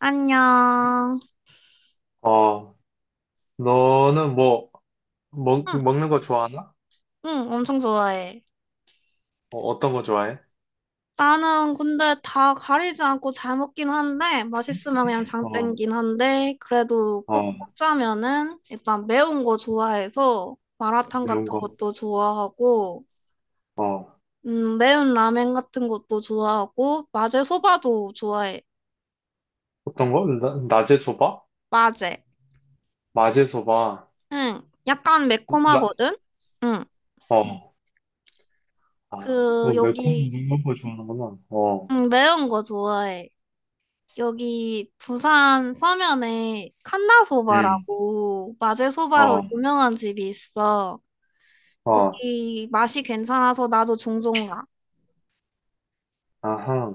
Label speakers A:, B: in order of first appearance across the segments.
A: 안녕.
B: 어, 너는 뭐,
A: 응,
B: 먹는 거 좋아하나?
A: 응, 엄청 좋아해.
B: 어, 떤거 좋아해?
A: 나는 근데 다 가리지 않고 잘 먹긴 한데, 맛있으면 그냥 장
B: 어,
A: 땡긴 한데, 그래도 꼭
B: 어,
A: 꼽자면은, 일단 매운 거 좋아해서, 마라탕 같은
B: 매운 거.
A: 것도 좋아하고,
B: 어,
A: 매운 라멘 같은 것도 좋아하고, 마제 소바도 좋아해.
B: 어떤 거? 낮에 소바?
A: 마제.
B: 마제 소바.
A: 응, 약간
B: 나,
A: 매콤하거든? 응,
B: 어, 아, 그거
A: 그,
B: 매콤
A: 여기,
B: 매운 거 좋아하는구나. 어,
A: 응, 매운 거 좋아해. 여기 부산 서면에
B: 음,
A: 칸나소바라고 마제소바로
B: 어,
A: 유명한 집이 있어.
B: 어,
A: 거기 맛이 괜찮아서 나도 종종 가.
B: 아하.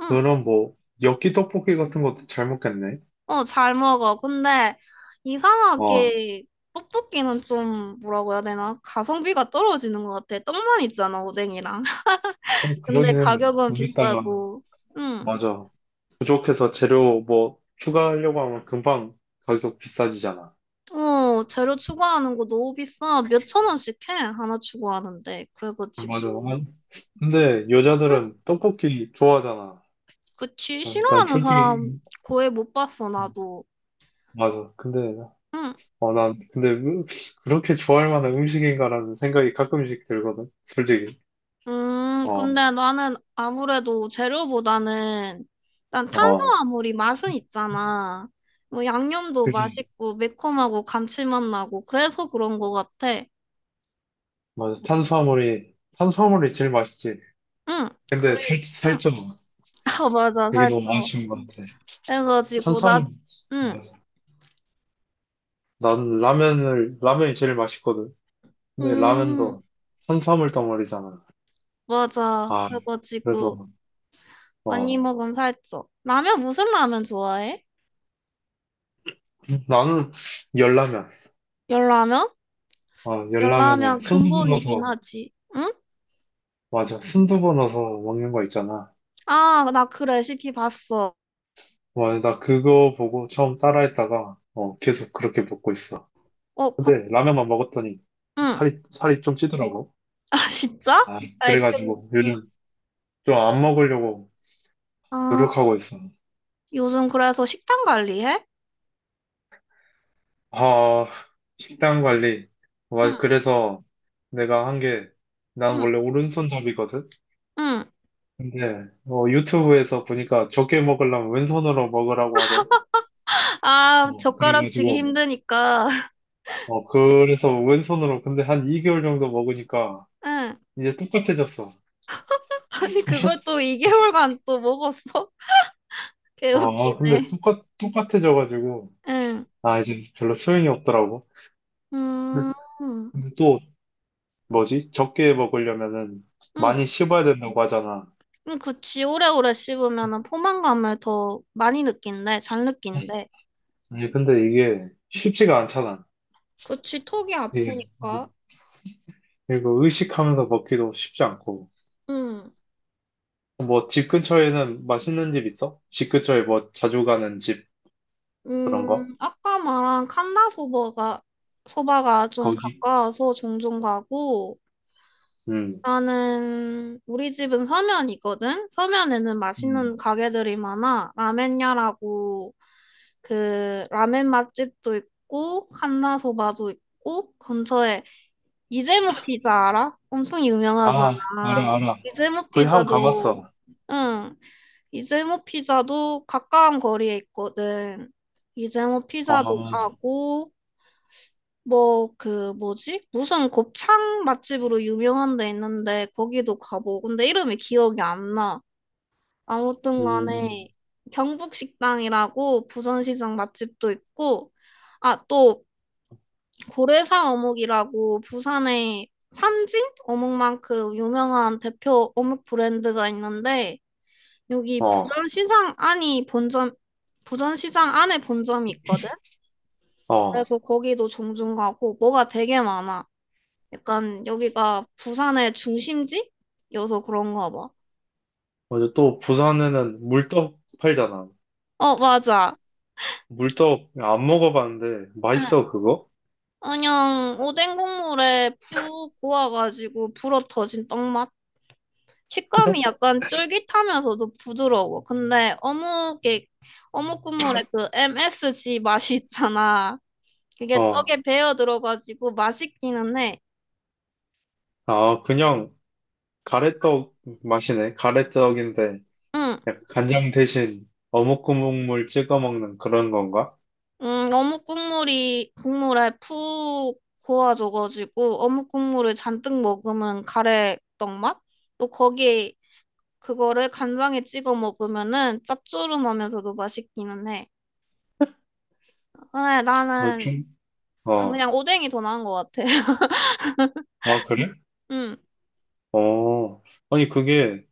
A: 응.
B: 그럼 뭐, 엽기 떡볶이 같은 것도 잘 먹겠네.
A: 어, 잘 먹어. 근데
B: 어,
A: 이상하게 떡볶이는 좀 뭐라고 해야 되나? 가성비가 떨어지는 것 같아. 떡만 있잖아, 오뎅이랑.
B: 어,
A: 근데
B: 그러기는
A: 가격은
B: 거기다가,
A: 비싸고. 응.
B: 맞아. 부족해서 재료 뭐, 추가하려고 하면 금방 가격 비싸지잖아.
A: 어, 재료 추가하는 거 너무 비싸. 몇 천 원씩 해, 하나 추가하는데.
B: 맞아.
A: 그래가지고.
B: 근데
A: 응.
B: 여자들은 떡볶이 좋아하잖아.
A: 그치,
B: 난
A: 싫어하는
B: 솔직히
A: 사람 거의 못 봤어,
B: 음,
A: 나도.
B: 맞아. 근데
A: 응.
B: 어, 난 근데 그렇게 좋아할 만한 음식인가라는 생각이 가끔씩 들거든. 솔직히. 어,
A: 근데 나는 아무래도 재료보다는 난
B: 어,
A: 탄수화물이 맛은 있잖아. 뭐 양념도
B: 그지.
A: 맛있고 매콤하고 감칠맛 나고 그래서 그런 것 같아.
B: 맞아. 탄수화물이 제일 맛있지.
A: 응.
B: 근데
A: 그리고
B: 살
A: 응.
B: 살쪄.
A: 아, 맞아.
B: 그게 너무
A: 살짝
B: 아쉬운 것 같아.
A: 해가지고
B: 탄수화물
A: 나 응.
B: 맞아. 난 라면을 라면이 제일 맛있거든. 근데
A: 음,
B: 라면도 탄수화물 덩어리잖아.
A: 맞아.
B: 아, 그래서
A: 그래가지고 많이
B: 어,
A: 먹으면 살쪄. 라면 무슨 라면 좋아해?
B: 나는 열라면.
A: 열라면?
B: 아, 열라면에
A: 열라면
B: 순두부
A: 근본이긴
B: 넣어서,
A: 하지. 응?
B: 맞아. 순두부 넣어서 먹는 거 있잖아.
A: 아, 나 그 레시피 봤어.
B: 와, 나 그거 보고 처음 따라했다가, 어, 계속 그렇게 먹고 있어.
A: 어, 그,
B: 근데 라면만 먹었더니
A: 응. 아,
B: 살이 좀 찌더라고.
A: 진짜?
B: 아,
A: 아이, 근,
B: 그래가지고
A: 응.
B: 요즘 좀 안 먹으려고
A: 아,
B: 노력하고 있어.
A: 요즘 그래서 식단 관리해?
B: 아, 식단 관리.
A: 응,
B: 와, 그래서 내가 한 게, 난
A: 응,
B: 원래 오른손잡이거든?
A: 응.
B: 근데, 어, 유튜브에서 보니까 적게 먹으려면 왼손으로 먹으라고 하대.
A: 아,
B: 어,
A: 젓가락 치기
B: 그래가지고,
A: 힘드니까.
B: 어, 그래서 왼손으로 근데 한 2개월 정도 먹으니까
A: 응.
B: 이제 똑같아졌어.
A: 아니, 그걸 또 2개월간 또 먹었어?
B: 어, 어, 근데
A: 개웃기네.
B: 똑같아져가지고,
A: 응.
B: 아, 이제 별로 소용이 없더라고. 근데,
A: 음,
B: 근데 또, 뭐지? 적게 먹으려면은
A: 응.
B: 많이 씹어야 된다고 하잖아.
A: 응, 그치. 오래오래 씹으면은 포만감을 더 많이 느낀대. 잘 느낀대.
B: 아니, 근데 이게 쉽지가 않잖아.
A: 그치, 턱이
B: 이게. 어,
A: 아프니까.
B: 그리고 의식하면서 먹기도 쉽지 않고.
A: 응.
B: 뭐, 집 근처에는 맛있는 집 있어? 집 근처에 뭐, 자주 가는 집, 그런 거?
A: 아까 말한 칸다 소바가, 소바가 좀
B: 거기?
A: 가까워서 종종 가고,
B: 음.
A: 나는 우리 집은 서면이거든? 서면에는 맛있는
B: 음.
A: 가게들이 많아. 라멘야라고, 라멘 맛집도 있고, 칸다 소바도 있고, 근처에 이재모 피자 알아? 엄청
B: 아,
A: 유명하잖아.
B: 알아.
A: 이재모
B: 거기 한번
A: 피자도,
B: 가봤어.
A: 응, 이재모 피자도 가까운 거리에 있거든. 이재모
B: 아,
A: 피자도 가고, 뭐, 그, 뭐지? 무슨 곱창 맛집으로 유명한 데 있는데, 거기도 가보고. 근데 이름이 기억이 안 나. 아무튼
B: 음,
A: 간에, 경북식당이라고 부산시장 맛집도 있고, 아, 또, 고래사 어묵이라고 부산의 삼진 어묵만큼 유명한 대표 어묵 브랜드가 있는데, 여기
B: 어,
A: 부산시장 안이 본점, 부산시장 안에 본점이 있거든?
B: 어.
A: 그래서 거기도 종종 가고, 뭐가 되게 많아. 약간 여기가 부산의 중심지여서 그런가 봐.
B: 맞아. 또 부산에는 물떡 팔잖아.
A: 어, 맞아.
B: 물떡 안 먹어봤는데
A: 응.
B: 맛있어 그거?
A: 그냥 오뎅 국물에 푹 고와가지고 불어 터진 떡맛. 식감이 약간 쫄깃하면서도 부드러워. 근데 어묵 국물에 그 MSG 맛이 있잖아. 그게
B: 어,
A: 떡에 배어 들어가지고 맛있기는 해.
B: 아 그냥 가래떡 맛이네. 가래떡인데
A: 응.
B: 약간 간장 대신 어묵 국물 찍어 먹는 그런 건가?
A: 어묵 국물이 국물에 푹 고아져가지고 어묵 국물을 잔뜩 먹으면 가래떡 맛? 또 거기에 그거를 간장에 찍어 먹으면은 짭조름하면서도 맛있기는 해. 그래,
B: 어,
A: 나는
B: 좀,
A: 난
B: 어,
A: 그냥 오뎅이 더 나은 것 같아.
B: 아 그래?
A: 음,
B: 어, 아니 그게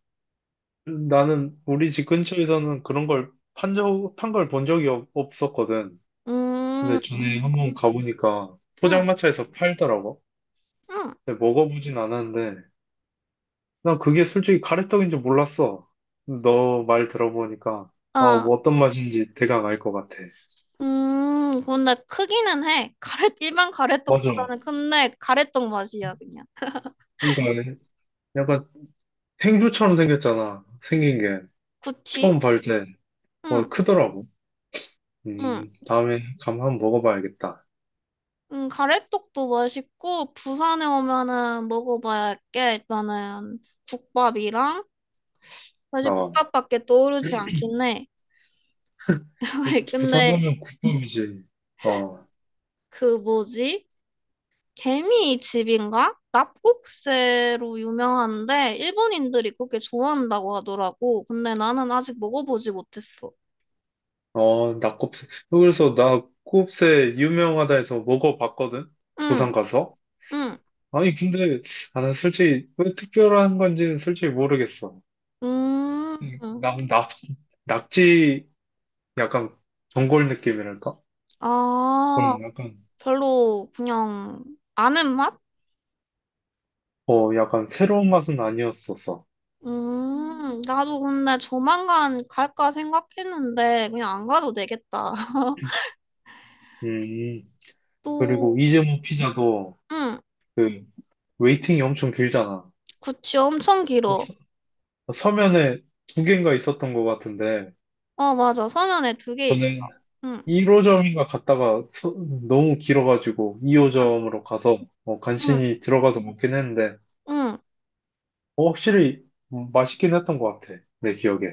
B: 나는 우리 집 근처에서는 그런 걸 판 걸 본 적이 없었거든.
A: 음,
B: 근데 전에 한번 가보니까
A: 음,
B: 포장마차에서 팔더라고.
A: 음,
B: 근데 먹어보진 않았는데, 난 그게 솔직히 가래떡인 줄 몰랐어. 너 말 들어보니까, 아,
A: 아,
B: 뭐 어떤 맛인지 대강 알 것 같아.
A: 근데 크기는 해. 가래 일반
B: 맞아.
A: 가래떡보다는 큰데 가래떡 맛이야 그냥.
B: 그러니까 약간 행주처럼 생겼잖아. 생긴 게. 처음
A: 그치?
B: 볼 때, 어,
A: 응.
B: 크더라고.
A: 응.
B: 다음에 감 한번 먹어봐야겠다.
A: 가래떡도 맛있고, 부산에 오면은 먹어봐야 할 게, 일단은 국밥이랑, 사실
B: 어,
A: 국밥밖에 떠오르지 않긴 해. 왜,
B: 부산
A: 근데,
B: 하면 국밥이지. 어.
A: 그 뭐지? 개미집인가? 납국새로 유명한데, 일본인들이 그렇게 좋아한다고 하더라고. 근데 나는 아직 먹어보지 못했어.
B: 어, 낙곱새. 그래서 낙곱새 유명하다 해서 먹어봤거든? 부산
A: 응,
B: 가서.
A: 응,
B: 아니, 근데, 아, 난 솔직히, 왜 특별한 건지는 솔직히 모르겠어. 음,
A: 음,
B: 낙, 낙, 낙지, 약간, 전골 느낌이랄까?
A: 아,
B: 그런 약간,
A: 별로 그냥 아는 맛?
B: 어, 약간 새로운 맛은 아니었었어.
A: 나도 근데 조만간 갈까 생각했는데 그냥 안 가도 되겠다.
B: 음, 그리고
A: 또,
B: 이재모 피자도,
A: 응,
B: 그, 웨이팅이 엄청 길잖아.
A: 구찌 엄청
B: 뭐
A: 길어.
B: 서, 서면에 두 개인가 있었던 것 같은데,
A: 어, 맞아. 서면에 두 개 있어.
B: 저는
A: 응,
B: 1호점인가 갔다가 너무 길어가지고
A: 응,
B: 2호점으로 가서 어,
A: 응,
B: 간신히 들어가서 먹긴 했는데
A: 응.
B: 어, 확실히 맛있긴 했던 것 같아. 내 기억에.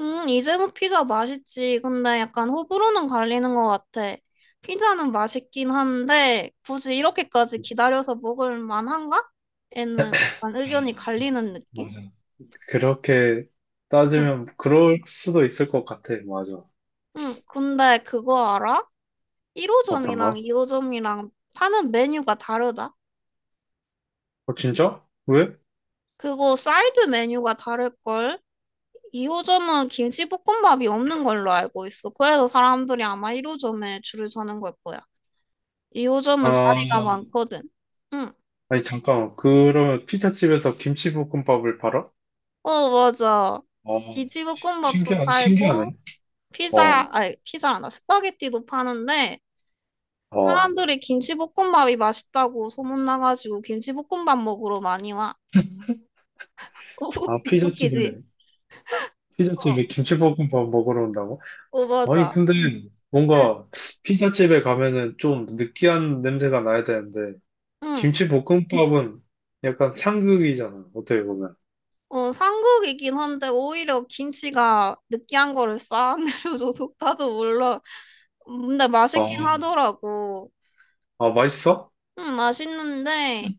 A: 응, 이재모 피자 맛있지. 근데 약간 호불호는 갈리는 것 같아. 피자는 맛있긴 한데 굳이 이렇게까지 기다려서 먹을 만한가? 에는 약간 의견이
B: 아, 뭐,
A: 갈리는 느낌?
B: 맞아. 그렇게
A: 응,
B: 따지면 그럴 수도 있을 것 같아. 맞아.
A: 응. 근데 그거 알아? 1호점이랑
B: 어떤가?
A: 2호점이랑 파는 메뉴가 다르다?
B: 어, 진짜? 왜?
A: 그거 사이드 메뉴가 다를걸? 2호점은 김치볶음밥이 없는 걸로 알고 있어. 그래서 사람들이 아마 1호점에 줄을 서는 걸 거야. 2호점은
B: 아,
A: 자리가 많거든. 응.
B: 아니, 잠깐만. 그러면 피자집에서 김치볶음밥을 팔아?
A: 어, 맞아.
B: 어,
A: 김치볶음밥도
B: 신기하네.
A: 팔고, 피자,
B: 어,
A: 아니, 피자란다. 스파게티도 파는데,
B: 어.
A: 사람들이 김치볶음밥이 맛있다고 소문나가지고 김치볶음밥 먹으러 많이 와.
B: 아,
A: 웃기지, 웃기지? 어,
B: 피자집에 김치볶음밥 먹으러 온다고?
A: 어,
B: 아니,
A: 맞아.
B: 근데
A: 응.
B: 뭔가 피자집에 가면은 좀 느끼한 냄새가 나야 되는데,
A: 응.
B: 김치볶음밥은 약간 상극이잖아, 어떻게 보면.
A: 어, 삼국이긴 한데 오히려 김치가 느끼한 거를 싹 내려줘서 나도 몰라. 근데 맛있긴
B: 아,
A: 하더라고.
B: 아, 맛있어?
A: 응, 맛있는데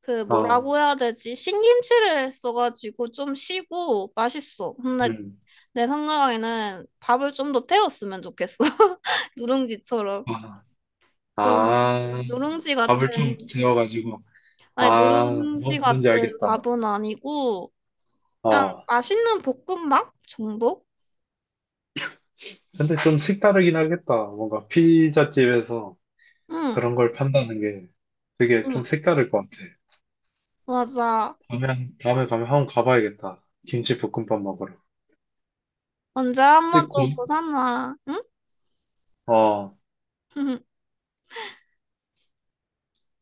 A: 그
B: 아,
A: 뭐라고 해야 되지? 신김치를 써가지고 좀 시고 맛있어. 근데
B: 음.
A: 내 생각에는 밥을 좀 더 태웠으면 좋겠어. 누룽지처럼.
B: 아,
A: 그런
B: 아,
A: 누룽지
B: 밥을 좀
A: 같은
B: 재워가지고.
A: 아니
B: 아,
A: 누룽지
B: 뭐, 뭔지
A: 같은
B: 알겠다.
A: 밥은 아니고 그냥
B: 아,
A: 맛있는 볶음밥 정도?
B: 근데 좀 색다르긴 하겠다. 뭔가 피자집에서
A: 응.
B: 그런 걸 판다는 게 되게 좀
A: 응.
B: 색다를 것 같아.
A: 맞아.
B: 다음에, 다음에 가면 한번 가봐야겠다. 김치볶음밥 먹으러.
A: 언제 한 번
B: 근데 고,
A: 또 부산 와. 응?
B: 어.